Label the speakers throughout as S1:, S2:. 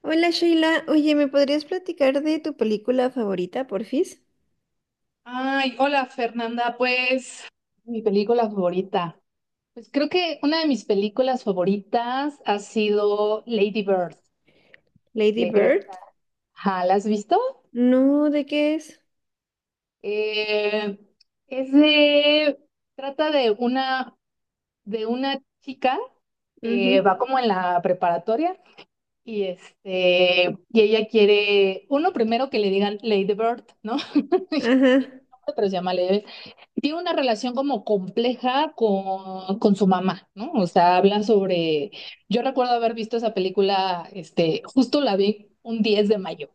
S1: Hola Sheila, oye, ¿me podrías platicar de tu película favorita, porfis?
S2: Ay, hola Fernanda, pues mi película favorita. Pues creo que una de mis películas favoritas ha sido Lady Bird
S1: Lady
S2: de
S1: Bird.
S2: Greta. Ajá, ¿la has visto?
S1: No, ¿de qué es?
S2: Eh, es de, trata de una, chica que
S1: Ujú.
S2: va como en la preparatoria. Y ella quiere, uno primero que le digan Lady Bird, ¿no? Tiene
S1: Ajá,
S2: un nombre, pero se llama Lady. Tiene una relación como compleja con su mamá, ¿no? O sea, habla sobre. Yo recuerdo haber visto esa película, justo la vi un 10 de mayo.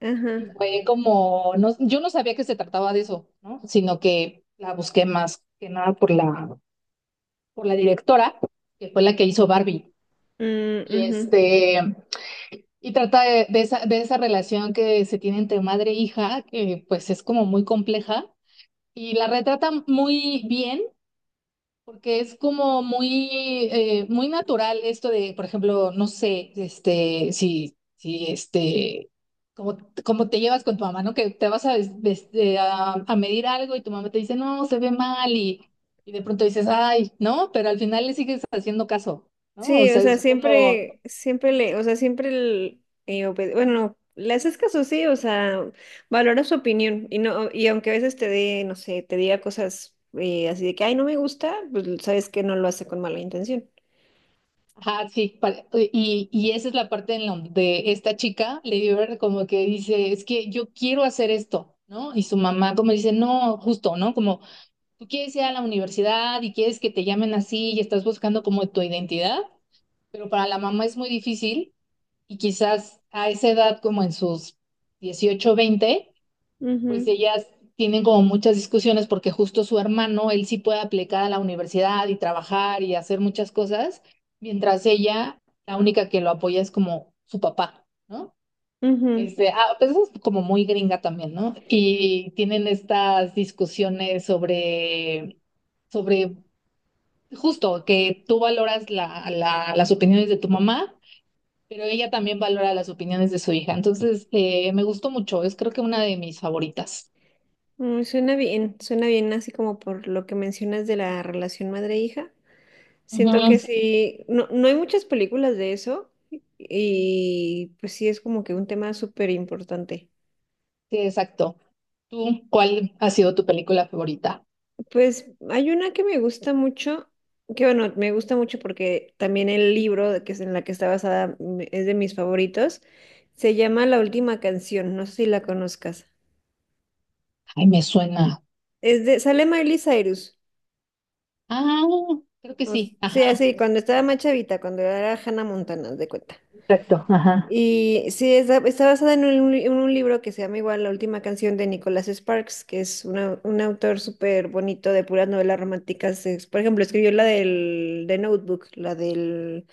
S1: ajá.
S2: Y fue como, no, yo no sabía que se trataba de eso, ¿no? Sino que la busqué más que nada por la directora, que fue la que hizo Barbie.
S1: Mm,
S2: Y
S1: ujú.
S2: este. Y trata de, de esa relación que se tiene entre madre e hija, que pues es como muy compleja, y la retrata muy bien, porque es como muy natural esto de, por ejemplo, no sé, si, como, te llevas con tu mamá, ¿no? Que te vas a, des- des- a medir algo y tu mamá te dice, no, se ve mal, y, de pronto dices, ay, ¿no? Pero al final le sigues haciendo caso, ¿no? O
S1: Sí, o
S2: sea,
S1: sea,
S2: es como...
S1: siempre le, o sea, siempre bueno, le haces caso, sí, o sea, valora su opinión y no, y aunque a veces te dé, no sé, te diga cosas así de que, ay, no me gusta, pues sabes que no lo hace con mala intención.
S2: Ajá, sí, y, esa es la parte de esta chica, Lady Bird, como que dice, es que yo quiero hacer esto, ¿no? Y su mamá como dice, no, justo, ¿no? Como tú quieres ir a la universidad y quieres que te llamen así y estás buscando como tu identidad, pero para la mamá es muy difícil y quizás a esa edad, como en sus 18, 20, pues
S1: Ujú,
S2: ellas tienen como muchas discusiones porque justo su hermano, él sí puede aplicar a la universidad y trabajar y hacer muchas cosas, mientras ella, la única que lo apoya es como su papá, ¿no?
S1: ujú.
S2: Pues eso es como muy gringa también, ¿no? Y tienen estas discusiones sobre justo que tú valoras las opiniones de tu mamá, pero ella también valora las opiniones de su hija. Entonces, me gustó mucho, es creo que una de mis favoritas.
S1: Mm, suena bien, suena bien así como por lo que mencionas de la relación madre-hija. Siento que
S2: Ujú.
S1: sí, no, no hay muchas películas de eso, y pues sí es como que un tema súper importante.
S2: Sí, exacto. ¿Tú cuál ha sido tu película favorita?
S1: Pues hay una que me gusta mucho, que bueno, me gusta mucho porque también el libro de que es en la que está basada es de mis favoritos. Se llama La Última Canción, no sé si la conozcas.
S2: Ay, me suena.
S1: Es de, sale Miley Cyrus.
S2: Ah, creo que
S1: O
S2: sí.
S1: sea,
S2: Ajá.
S1: sí, cuando estaba más chavita, cuando era Hannah Montana, haz de cuenta.
S2: Exacto. Ajá.
S1: Y sí, está basada en un, en un libro que se llama igual La Última Canción de Nicholas Sparks, que es un autor súper bonito de puras novelas románticas. Por ejemplo, escribió la del de Notebook, la del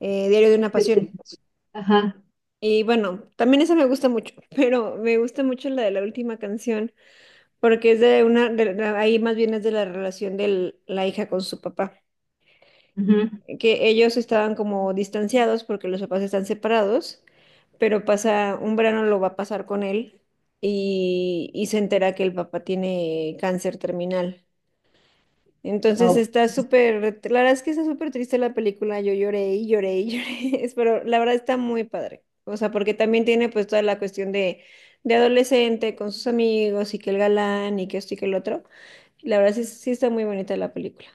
S1: Diario de
S2: Sí,
S1: una
S2: sí,
S1: Pasión.
S2: sí. Ajá.
S1: Y bueno, también esa me gusta mucho, pero me gusta mucho la de La Última Canción, porque es de una, ahí más bien es de la relación de la hija con su papá.
S2: Ujú.
S1: Que ellos estaban como distanciados porque los papás están separados, pero pasa, un verano lo va a pasar con él, y se entera que el papá tiene cáncer terminal. Entonces
S2: Ah.
S1: está súper, la verdad es que está súper triste la película, yo lloré y lloré y lloré, pero la verdad está muy padre, o sea, porque también tiene pues toda la cuestión de adolescente con sus amigos y que el galán y que esto y que el otro. La verdad sí, sí está muy bonita la película.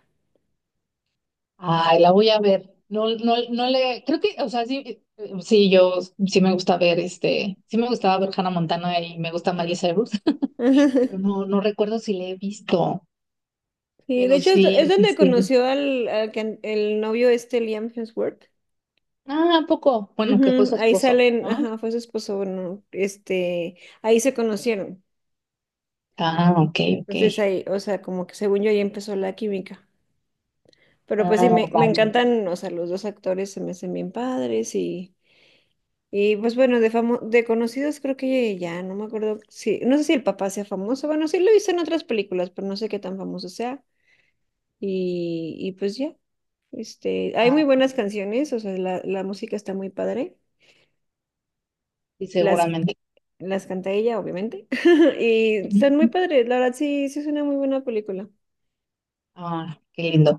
S2: Ay, la voy a ver. No, no, no le, creo que, o sea, sí, sí, yo sí me gusta ver sí me gustaba ver Hannah Montana y me gusta Miley Cyrus. Pero no, no recuerdo si le he visto,
S1: Sí, de
S2: pero
S1: hecho es
S2: sí, sí,
S1: donde
S2: sí.
S1: conoció al, el novio este Liam Hemsworth.
S2: Ah, ¿a poco? Bueno, que fue
S1: Ujú,
S2: su
S1: ahí
S2: esposo,
S1: salen,
S2: ¿no?
S1: ajá, fue su esposo, bueno, este, ahí se conocieron.
S2: Ah, ok, ok.
S1: Entonces ahí, o sea, como que según yo ahí empezó la química. Pero pues sí,
S2: Ah,
S1: me
S2: vale.
S1: encantan, o sea, los dos actores se me hacen bien padres y pues bueno, de conocidos creo que ya, no me acuerdo si, no sé si el papá sea famoso, bueno, sí lo hizo en otras películas, pero no sé qué tan famoso sea. Y pues ya. Este, hay muy
S2: Ah,
S1: buenas canciones, o sea, la música está muy padre.
S2: y
S1: Las,
S2: seguramente.
S1: las canta ella, obviamente. Y están muy padres, la verdad sí, sí es una muy buena película.
S2: Ah, qué lindo.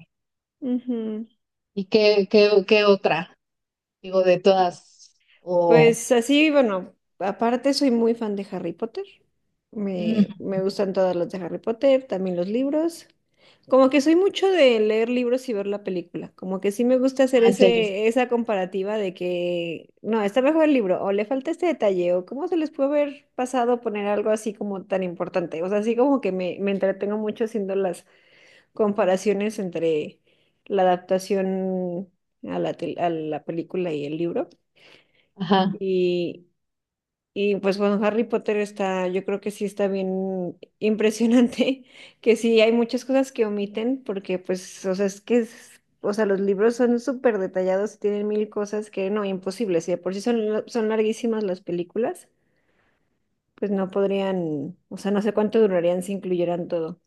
S1: Ujú.
S2: ¿Y qué, qué otra? Digo, de todas, o...
S1: Pues así, bueno, aparte soy muy fan de Harry Potter.
S2: Mm,
S1: Me gustan todas las de Harry Potter, también los libros. Como que soy mucho de leer libros y ver la película. Como que sí me gusta hacer
S2: ah, en serio.
S1: ese, esa comparativa de que, no, está mejor el libro, o le falta este detalle, o cómo se les puede haber pasado poner algo así como tan importante. O sea, así como que me entretengo mucho haciendo las comparaciones entre la adaptación a a la película y el libro.
S2: Ajá.
S1: y y pues bueno, Harry Potter está, yo creo que sí está bien impresionante, que sí hay muchas cosas que omiten, porque pues, o sea, es que, o sea, los libros son súper detallados, tienen mil cosas que no, imposibles, y de por sí son, son larguísimas las películas, pues no podrían, o sea, no sé cuánto durarían si incluyeran todo.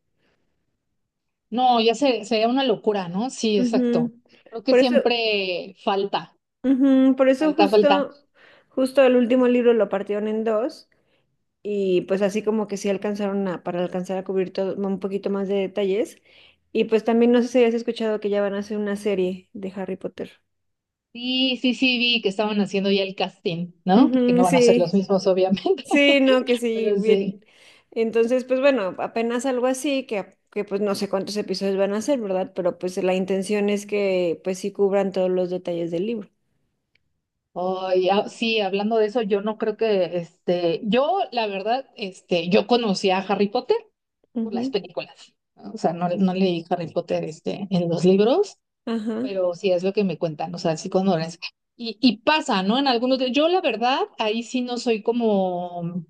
S2: No, ya se, sería una locura, ¿no? Sí, exacto.
S1: Ujú.
S2: Creo que
S1: Por eso,
S2: siempre falta,
S1: ujú, por eso
S2: falta, falta.
S1: justo, justo el último libro lo partieron en dos, y pues así como que sí alcanzaron a, para alcanzar a cubrir todo, un poquito más de detalles. Y pues también no sé si has escuchado que ya van a hacer una serie de Harry Potter.
S2: Sí, sí, sí, vi que estaban haciendo ya el casting, ¿no? Porque no
S1: Ujú,
S2: van a ser los
S1: sí,
S2: mismos, obviamente,
S1: sí, no, que sí,
S2: pero
S1: bien.
S2: sí.
S1: Entonces, pues bueno, apenas algo así, que pues no sé cuántos episodios van a hacer, ¿verdad? Pero pues la intención es que pues sí cubran todos los detalles del libro.
S2: Ay, ah, sí, hablando de eso, yo no creo que, yo, la verdad, yo conocí a Harry Potter por las
S1: Ujú,
S2: películas, ¿no? O sea, no, no leí Harry Potter en los libros,
S1: ajá,
S2: pero sí es lo que me cuentan, o sea, sí cuando y, pasa, ¿no? En algunos de... Yo, la verdad, ahí sí no soy como...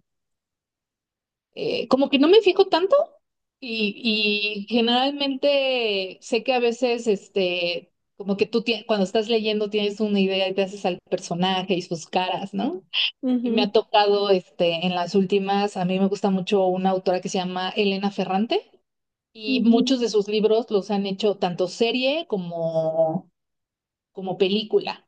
S2: como que no me fijo tanto y, generalmente sé que a veces, como que tú cuando estás leyendo tienes una idea y te haces al personaje y sus caras, ¿no? Y me
S1: ujú,
S2: ha tocado, en las últimas, a mí me gusta mucho una autora que se llama Elena Ferrante, y
S1: ujú,
S2: muchos de sus libros los han hecho tanto serie como, película.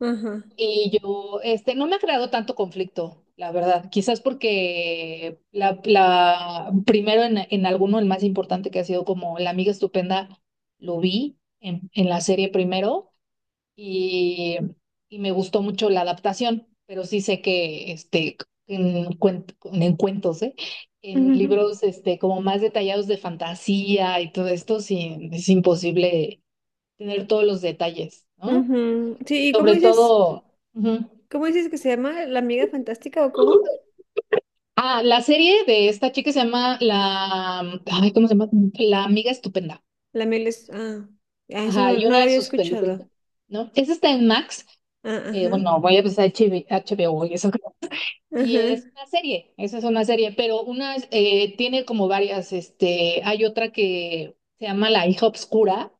S1: ajá.
S2: Y yo, no me ha creado tanto conflicto, la verdad. Quizás porque primero en, alguno, el más importante que ha sido como La Amiga Estupenda, lo vi en, la serie primero, y, me gustó mucho la adaptación, pero sí sé que en, en cuentos, ¿eh? En
S1: Ujú.
S2: libros, como más detallados de fantasía y todo esto, sí, es imposible tener todos los detalles, ¿no?
S1: Ujú. Sí, ¿y
S2: Sobre todo... Ujú.
S1: cómo dices que se llama? ¿La amiga fantástica o cómo?
S2: Ah, la serie de esta chica se llama la... Ay, ¿cómo se llama? La Amiga Estupenda.
S1: La miel es... Ah, ah, eso
S2: Ajá,
S1: no,
S2: y
S1: no lo
S2: una de
S1: había
S2: sus películas,
S1: escuchado.
S2: ¿no? Esa está en Max.
S1: Ah, ajá,
S2: Bueno, voy a empezar H B O y eso. Y es
S1: ajá,
S2: una serie, esa es una serie, pero una tiene como varias, hay otra que se llama La Hija Obscura,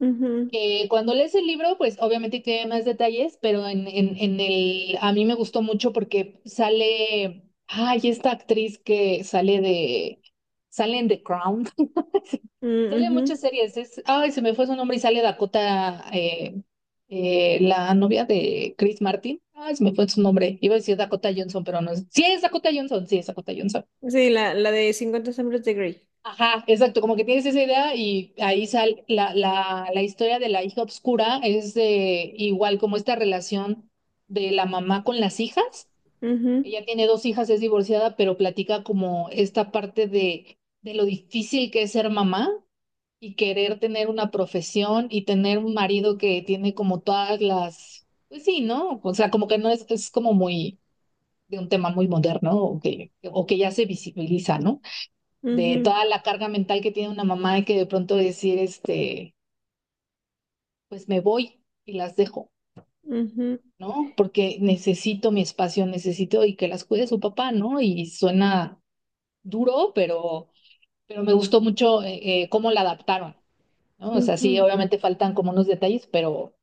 S1: ujú,
S2: que cuando lees el libro, pues obviamente tiene más detalles, pero en el, a mí me gustó mucho porque sale, ay, esta actriz que sale de, sale en The Crown.
S1: mm,
S2: Sale en
S1: ujú.
S2: muchas series. Es, ay, se me fue su nombre y sale Dakota, la novia de Chris Martin. Ay, se me fue su nombre. Iba a decir Dakota Johnson, pero no es. Sí, es Dakota Johnson, sí, es Dakota Johnson.
S1: Sí, la de 50 sombras de Grey.
S2: Ajá, exacto. Como que tienes esa idea y ahí sale la historia de la hija obscura. Es igual como esta relación de la mamá con las hijas.
S1: Ujú,
S2: Ella tiene dos hijas, es divorciada, pero platica como esta parte de lo difícil que es ser mamá y querer tener una profesión y tener un marido que tiene como todas las, pues sí, ¿no? O sea, como que no es, es como muy de un tema muy moderno o que, ya se visibiliza, ¿no?
S1: ujú,
S2: De toda la carga mental que tiene una mamá y que de pronto decir, pues me voy y las dejo,
S1: ujú,
S2: ¿no? Porque necesito mi espacio, necesito y que las cuide su papá, ¿no? Y suena duro, pero me gustó mucho cómo la adaptaron, ¿no? O sea, sí,
S1: ujú,
S2: obviamente faltan como unos detalles, pero...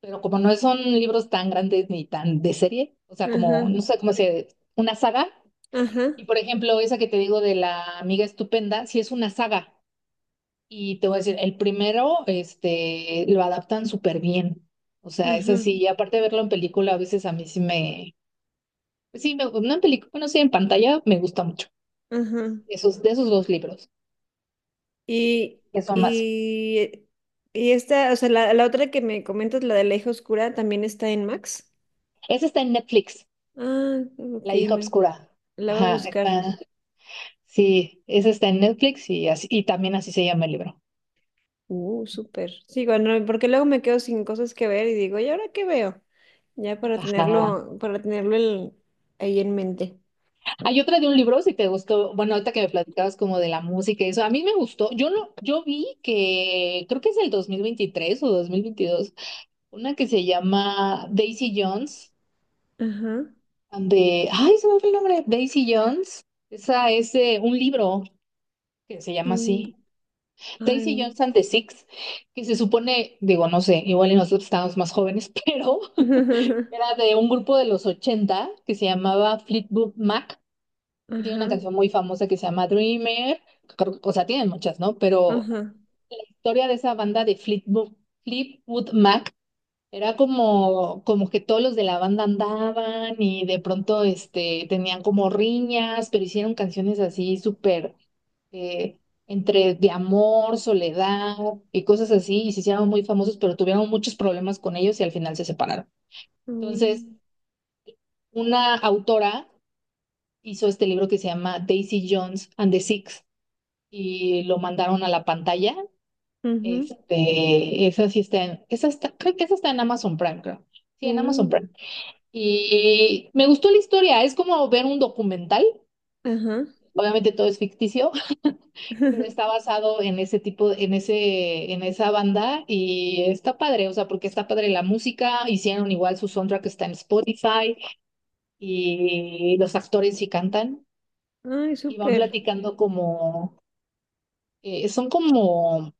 S2: Pero como no son libros tan grandes ni tan de serie, o sea, como, no
S1: ajá,
S2: sé cómo se, una saga.
S1: ajá,
S2: Y por ejemplo, esa que te digo de La Amiga Estupenda, sí es una saga. Y te voy a decir, el primero, lo adaptan súper bien. O sea, es
S1: ajá,
S2: así. Y aparte de verlo en película, a veces a mí sí me, pues sí, me, no en película, bueno, sí, en pantalla me gusta mucho.
S1: ajá.
S2: Esos, de esos dos libros,
S1: Y,
S2: que son más.
S1: y, y esta, o sea, la otra que me comentas, la de la hija oscura, también está en Max.
S2: Ese está en Netflix,
S1: Ah, ok,
S2: La Hija
S1: me,
S2: Oscura.
S1: la voy a
S2: Ajá,
S1: buscar.
S2: está. Sí, ese está en Netflix, y así, y también así se llama el libro.
S1: Súper. Sí, bueno, porque luego me quedo sin cosas que ver y digo, ¿y ahora qué veo? Ya para
S2: Ajá.
S1: tenerlo, ahí en mente.
S2: Hay otra de un libro, si te gustó, bueno, ahorita que me platicabas como de la música y eso, a mí me gustó, yo no, yo vi que creo que es el 2023 o 2022, una que se llama Daisy Jones,
S1: Ajá.
S2: ay, se me fue el nombre, Daisy Jones, esa es un libro que se llama
S1: Mm,
S2: así,
S1: ay,
S2: Daisy
S1: no.
S2: Jones and the Six, que se supone, digo, no sé, igual y nosotros estábamos más jóvenes, pero era de un grupo de los 80 que se llamaba Fleetwood Mac. Tiene una
S1: Ajá.
S2: canción muy famosa que se llama Dreamer. O sea, tienen muchas, ¿no? Pero
S1: Ajá.
S2: la historia de esa banda de Fleetwood Mac era como, como que todos los de la banda andaban y de pronto tenían como riñas, pero hicieron canciones así súper eh, entre de amor, soledad y cosas así. Y se hicieron muy famosos, pero tuvieron muchos problemas con ellos y al final se separaron. Entonces,
S1: Mm,
S2: una autora hizo este libro que se llama Daisy Jones and the Six y lo mandaron a la pantalla.
S1: ujú,
S2: Esa sí está en, esa está, creo que esa está en Amazon Prime, creo. Sí, en Amazon
S1: uh,
S2: Prime. Y me gustó la historia, es como ver un documental.
S1: ajá.
S2: Obviamente todo es ficticio, pero está basado en ese tipo, en ese, en esa banda y está padre, o sea, porque está padre la música, hicieron igual su soundtrack está en Spotify, y los actores sí cantan
S1: Ay,
S2: y van
S1: súper.
S2: platicando como, son como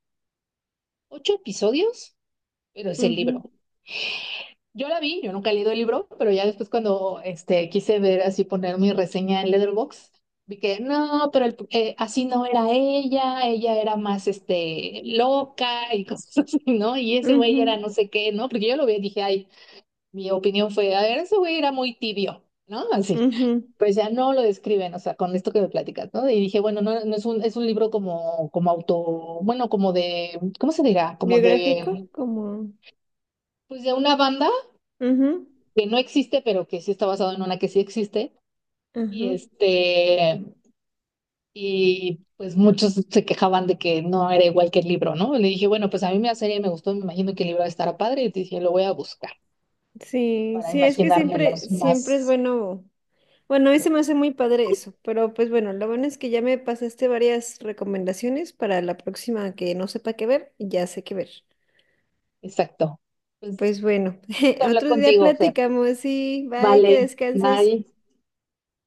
S2: ocho episodios, pero es el
S1: Ujú,
S2: libro. Yo la vi, yo nunca he leído el libro, pero ya después cuando quise ver así poner mi reseña en Letterboxd, vi que no, pero así no era ella, ella era más loca y cosas así, ¿no? Y ese güey
S1: ujú,
S2: era no sé qué, ¿no? Porque yo lo vi y dije, ay, mi opinión fue, a ver, ese güey era muy tibio, ¿no? Así,
S1: ujú.
S2: pues ya no lo describen, o sea, con esto que me platicas, ¿no? Y dije, bueno, no, no es un, es un libro como, como auto, bueno, como de, ¿cómo se dirá? Como
S1: Biográfico,
S2: de...
S1: como.
S2: Pues de una banda
S1: Ujú,
S2: que no existe, pero que sí está basado en una que sí existe. Y
S1: ajá.
S2: este, y pues muchos se quejaban de que no era igual que el libro, ¿no? Le dije, bueno, pues a mí la serie me gustó, me imagino que el libro estará padre, y te dije, lo voy a buscar
S1: Sí,
S2: para
S1: sí, es que siempre,
S2: imaginármelos
S1: siempre es
S2: más
S1: bueno. Bueno, a mí se me hace muy padre eso, pero pues bueno, lo bueno es que ya me pasaste varias recomendaciones para la próxima que no sepa qué ver, ya sé qué ver.
S2: exacto. Pues,
S1: Pues bueno,
S2: qué gusto hablar
S1: otro día
S2: contigo, Fer.
S1: platicamos y bye, que
S2: Vale,
S1: descanses.
S2: bye.